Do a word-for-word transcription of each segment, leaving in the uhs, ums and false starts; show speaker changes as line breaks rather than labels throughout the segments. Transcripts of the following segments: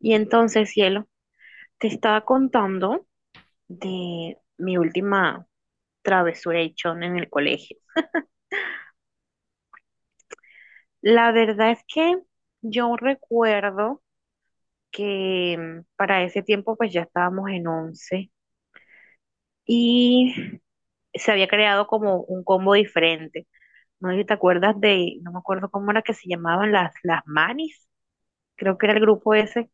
Y entonces, cielo, te estaba contando de mi última travesura echón en el colegio. La verdad es que yo recuerdo que mm, para ese tiempo pues ya estábamos en once y se había creado como un combo diferente. No sé si te acuerdas de, no me acuerdo cómo era que se llamaban las, las manis, creo que era el grupo ese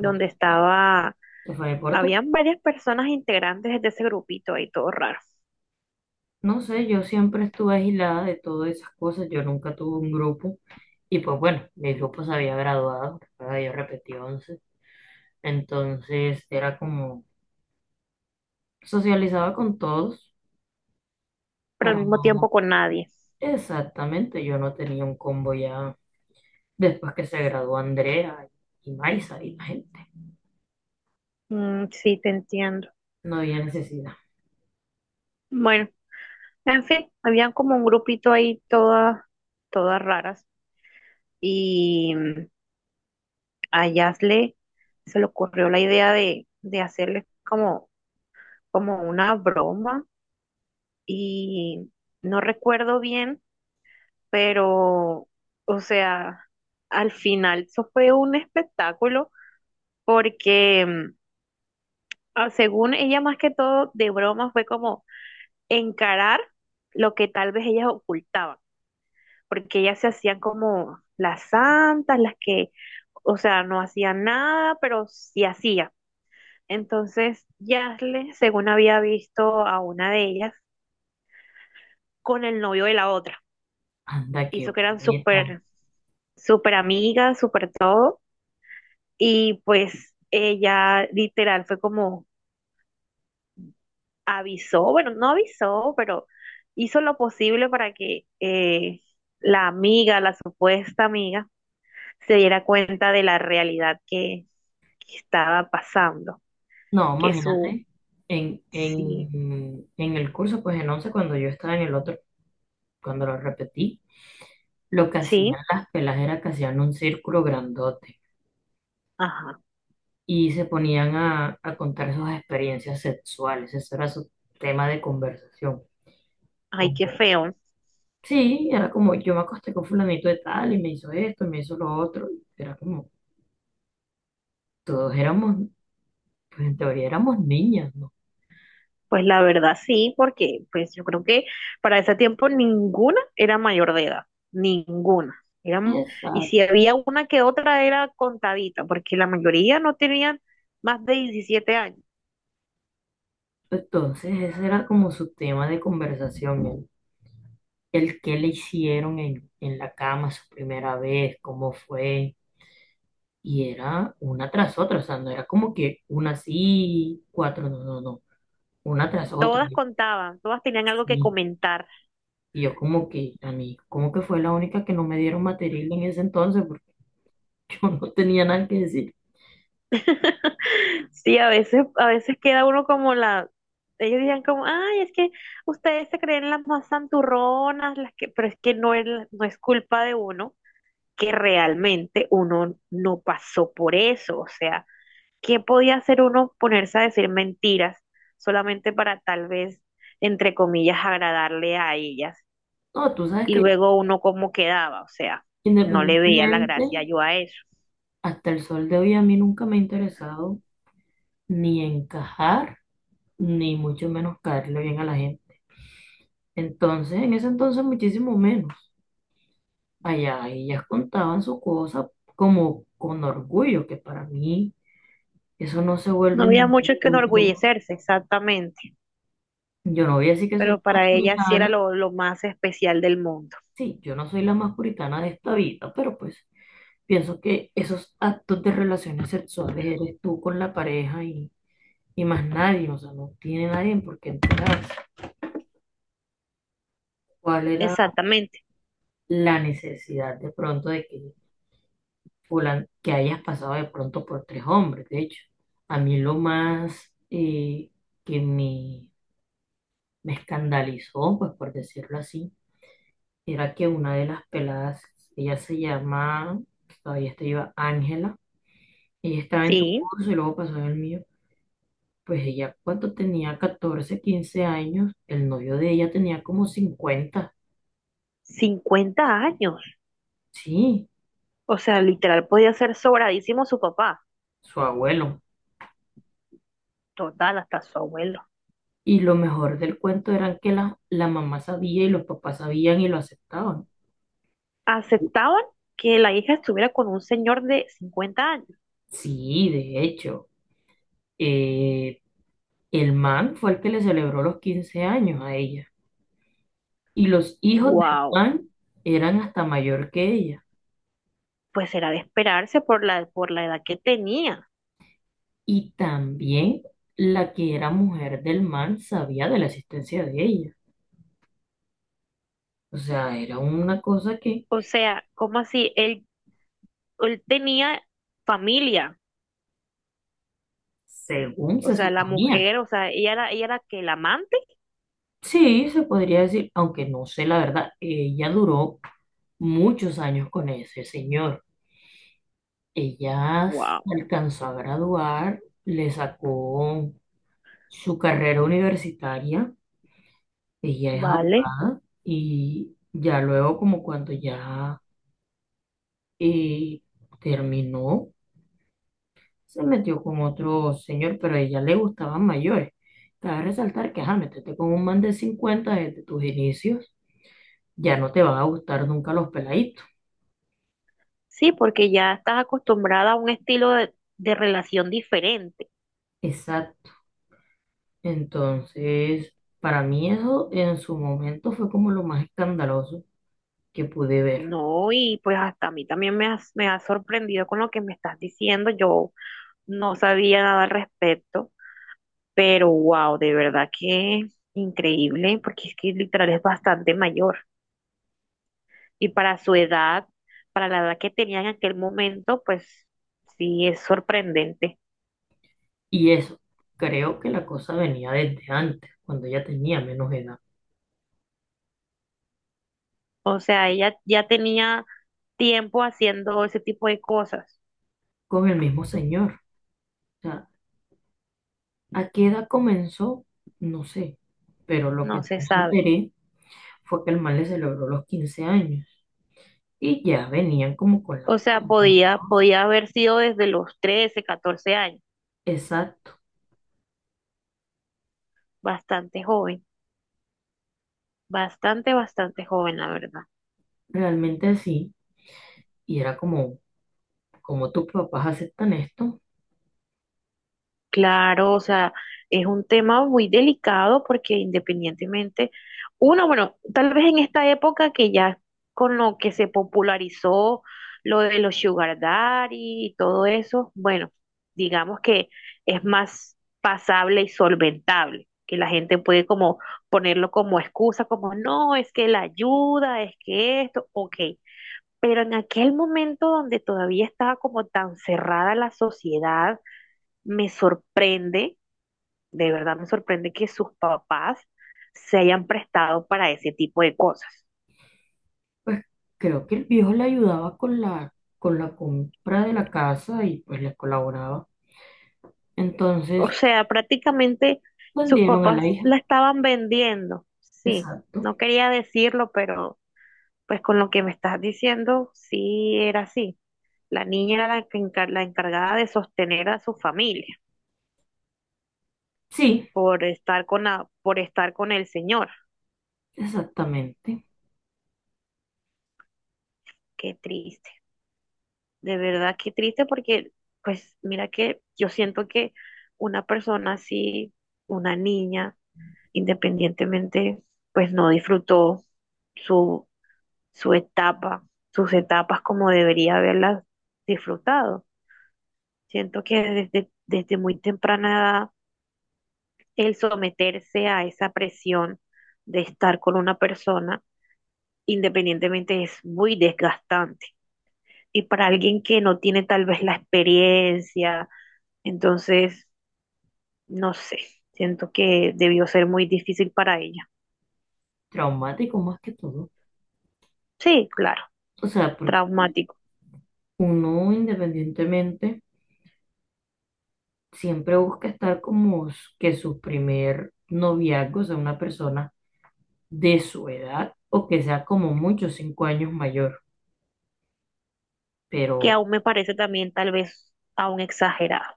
No,
estaba,
se fue de Porto.
habían varias personas integrantes de ese grupito ahí, todo raro.
No sé, yo siempre estuve aislada de todas esas cosas, yo nunca tuve un grupo y pues bueno, mi grupo se había graduado, recuerda, yo repetí once entonces era como socializaba con todos
Pero al
para
mismo tiempo
no...
con nadie.
Exactamente, yo no tenía un combo ya después que se graduó Andrea y Maisa y la gente,
Mm, sí, te entiendo.
no había necesidad.
Bueno, en fin, habían como un grupito ahí todas, todas raras y mm, a Yasle se le ocurrió la idea de, de hacerles como, como una broma y no recuerdo bien, pero, o sea, al final eso fue un espectáculo porque mm, ah, según ella más que todo de broma fue como encarar lo que tal vez ellas ocultaban, porque ellas se hacían como las santas, las que, o sea, no hacían nada, pero sí hacían. Entonces, Yasle, según había visto a una de ellas, con el novio de la otra,
Anda, qué
hizo que eran
bonita.
súper, súper amigas, súper todo, y pues ella literal fue como, avisó, bueno, no avisó, pero hizo lo posible para que eh, la amiga, la supuesta amiga, se diera cuenta de la realidad que, que estaba pasando,
No,
que su,
imagínate, en,
sí,
en, en el curso, pues en once cuando yo estaba en el otro. Cuando lo repetí, lo que
sí,
hacían las pelas era que hacían un círculo grandote
ajá,
y se ponían a, a contar sus experiencias sexuales. Ese era su tema de conversación.
ay, qué
Como,
feo.
sí, era como yo me acosté con fulanito de tal y me hizo esto y me hizo lo otro. Era como, todos éramos, pues en teoría éramos niñas, ¿no?
Pues la verdad sí, porque pues yo creo que para ese tiempo ninguna era mayor de edad, ninguna. Eran, y
Exacto.
si había una que otra era contadita, porque la mayoría no tenían más de diecisiete años.
Entonces ese era como su tema de conversación, el, el qué le hicieron en, en la cama su primera vez, cómo fue. Y era una tras otra, o sea, no era como que una sí, cuatro, no, no, no, una tras otra.
Todas contaban, todas tenían algo que
Sí.
comentar.
Y yo como que, a mí, como que fue la única que no me dieron material en ese entonces, porque yo no tenía nada que decir.
Sí, a veces, a veces queda uno como la, ellos decían como, ay, es que ustedes se creen las más santurronas, las que, pero es que no es, la- no es culpa de uno, que realmente uno no pasó por eso. O sea, ¿qué podía hacer uno ponerse a decir mentiras solamente para tal vez, entre comillas, agradarle a ellas?
No, tú sabes
Y
que
luego uno cómo quedaba, o sea, no le veía la
independientemente,
gracia yo a eso.
hasta el sol de hoy a mí nunca me ha interesado ni encajar, ni mucho menos caerle bien a la gente. Entonces, en ese entonces muchísimo menos. Allá ellas contaban su cosa como con orgullo, que para mí eso no se
No
vuelve
había
ningún
mucho que
punto.
enorgullecerse, exactamente,
Yo no voy a decir que soy la
pero para
más
ella sí era
puritana.
lo, lo más especial del mundo.
Sí, yo no soy la más puritana de esta vida, pero pues pienso que esos actos de relaciones sexuales eres tú con la pareja y, y más nadie, o sea, no tiene nadie por qué enterarse. ¿Cuál era
Exactamente,
la necesidad de pronto de que, fulan- que hayas pasado de pronto por tres hombres? De hecho, a mí lo más eh, que me, me escandalizó, pues por decirlo así, era que una de las peladas, ella se llama, todavía está viva, Ángela, ella estaba en tu
sí,
curso y luego pasó en el mío. Pues ella cuando tenía catorce quince años, el novio de ella tenía como cincuenta.
cincuenta años.
Sí,
O sea, literal podía ser sobradísimo su papá,
su abuelo.
total, hasta su abuelo.
Y lo mejor del cuento era que la, la mamá sabía y los papás sabían y lo aceptaban.
Aceptaban que la hija estuviera con un señor de cincuenta años.
Sí, de hecho, eh, el man fue el que le celebró los quince años a ella. Y los hijos del
Wow,
man eran hasta mayor que ella.
pues era de esperarse por la, por la edad que tenía.
Y también la que era mujer del man sabía de la existencia de ella. O sea, era una cosa que,
O sea, ¿cómo así? Él, él tenía familia.
según
O
se
sea, la
suponía,
mujer, o sea, ella era, ella era que la amante.
sí, se podría decir, aunque no sé la verdad, ella duró muchos años con ese señor. Ella
Wow.
se alcanzó a graduar, le sacó su carrera universitaria, ella es
Vale,
abogada y ya luego como cuando ya eh, terminó, se metió con otro señor, pero a ella le gustaban mayores. Cabe resaltar que, ajá, métete con un man de cincuenta desde tus inicios, ya no te van a gustar nunca los peladitos.
sí, porque ya estás acostumbrada a un estilo de, de relación diferente,
Exacto. Entonces, para mí eso en su momento fue como lo más escandaloso que pude ver.
¿no? Y pues hasta a mí también me has, me has sorprendido con lo que me estás diciendo. Yo no sabía nada al respecto, pero wow, de verdad que increíble, porque es que literal es bastante mayor. Y para su edad, para la edad que tenía en aquel momento, pues sí, es sorprendente.
Y eso, creo que la cosa venía desde antes, cuando ella tenía menos edad,
O sea, ella ya tenía tiempo haciendo ese tipo de cosas,
con el mismo señor. O sea, ¿a qué edad comenzó? No sé, pero lo que
no
sí
se
me
sabe.
enteré fue que el mal le celebró los quince años y ya venían como con la
O sea,
culpa.
podía, podía haber sido desde los trece, catorce años.
Exacto,
Bastante joven, bastante, bastante joven, la verdad.
realmente sí, y era como, como tus papás aceptan esto,
Claro, o sea, es un tema muy delicado porque independientemente, uno, bueno, tal vez en esta época que ya con lo que se popularizó lo de los sugar daddy y todo eso, bueno, digamos que es más pasable y solventable, que la gente puede como ponerlo como excusa, como no, es que la ayuda, es que esto, ok. Pero en aquel momento donde todavía estaba como tan cerrada la sociedad, me sorprende de verdad me sorprende que sus papás se hayan prestado para ese tipo de cosas.
pues creo que el viejo le ayudaba con la, con la compra de la casa y pues le colaboraba.
O
Entonces,
sea, prácticamente sus
vendieron a la
papás
hija.
la estaban vendiendo. Sí,
Exacto.
no quería decirlo, pero pues con lo que me estás diciendo, sí era así. La niña era la, que encar- la encargada de sostener a su familia
Sí,
por estar con la, por estar con el señor.
exactamente.
Qué triste. De verdad, qué triste porque, pues mira que yo siento que una persona así, una niña, independientemente, pues no disfrutó su, su etapa, sus etapas como debería haberlas disfrutado. Siento que desde, desde muy temprana edad, el someterse a esa presión de estar con una persona, independientemente, es muy desgastante. Y para alguien que no tiene tal vez la experiencia, entonces, no sé, siento que debió ser muy difícil para ella.
Traumático más que todo.
Sí, claro,
O sea, porque
traumático.
uno independientemente siempre busca estar como s- que su primer noviazgo sea una persona de su edad o que sea como mucho cinco años mayor.
Que
Pero,
aún me parece también tal vez aún exagerado,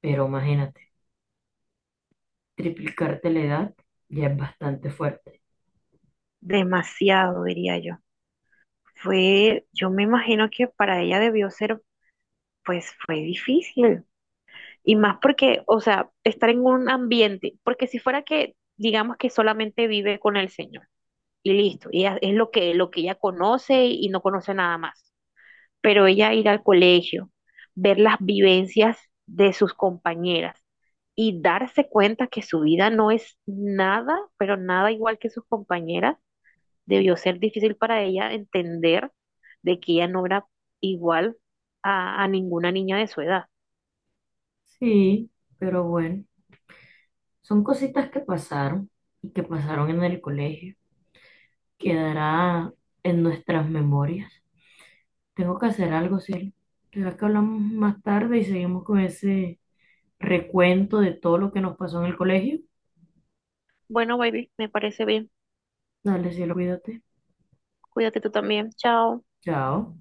pero imagínate, triplicarte la edad ya es bastante fuerte.
demasiado diría yo. Fue, yo me imagino que para ella debió ser, pues fue difícil. Y más porque, o sea, estar en un ambiente, porque si fuera que, digamos que solamente vive con el Señor y listo, y ella- es lo que, lo que ella conoce y no conoce nada más. Pero ella ir al colegio, ver las vivencias de sus compañeras y darse cuenta que su vida no es nada, pero nada igual que sus compañeras, debió ser difícil para ella entender de que ella no era igual a, a ninguna niña de su edad.
Sí, pero bueno, son cositas que pasaron y que pasaron en el colegio. Quedará en nuestras memorias. Tengo que hacer algo, Cielo. ¿Será que hablamos más tarde y seguimos con ese recuento de todo lo que nos pasó en el colegio?
Bueno, baby, me parece bien.
Dale, cielo, cuídate.
Cuídate tú también. Chao.
Chao.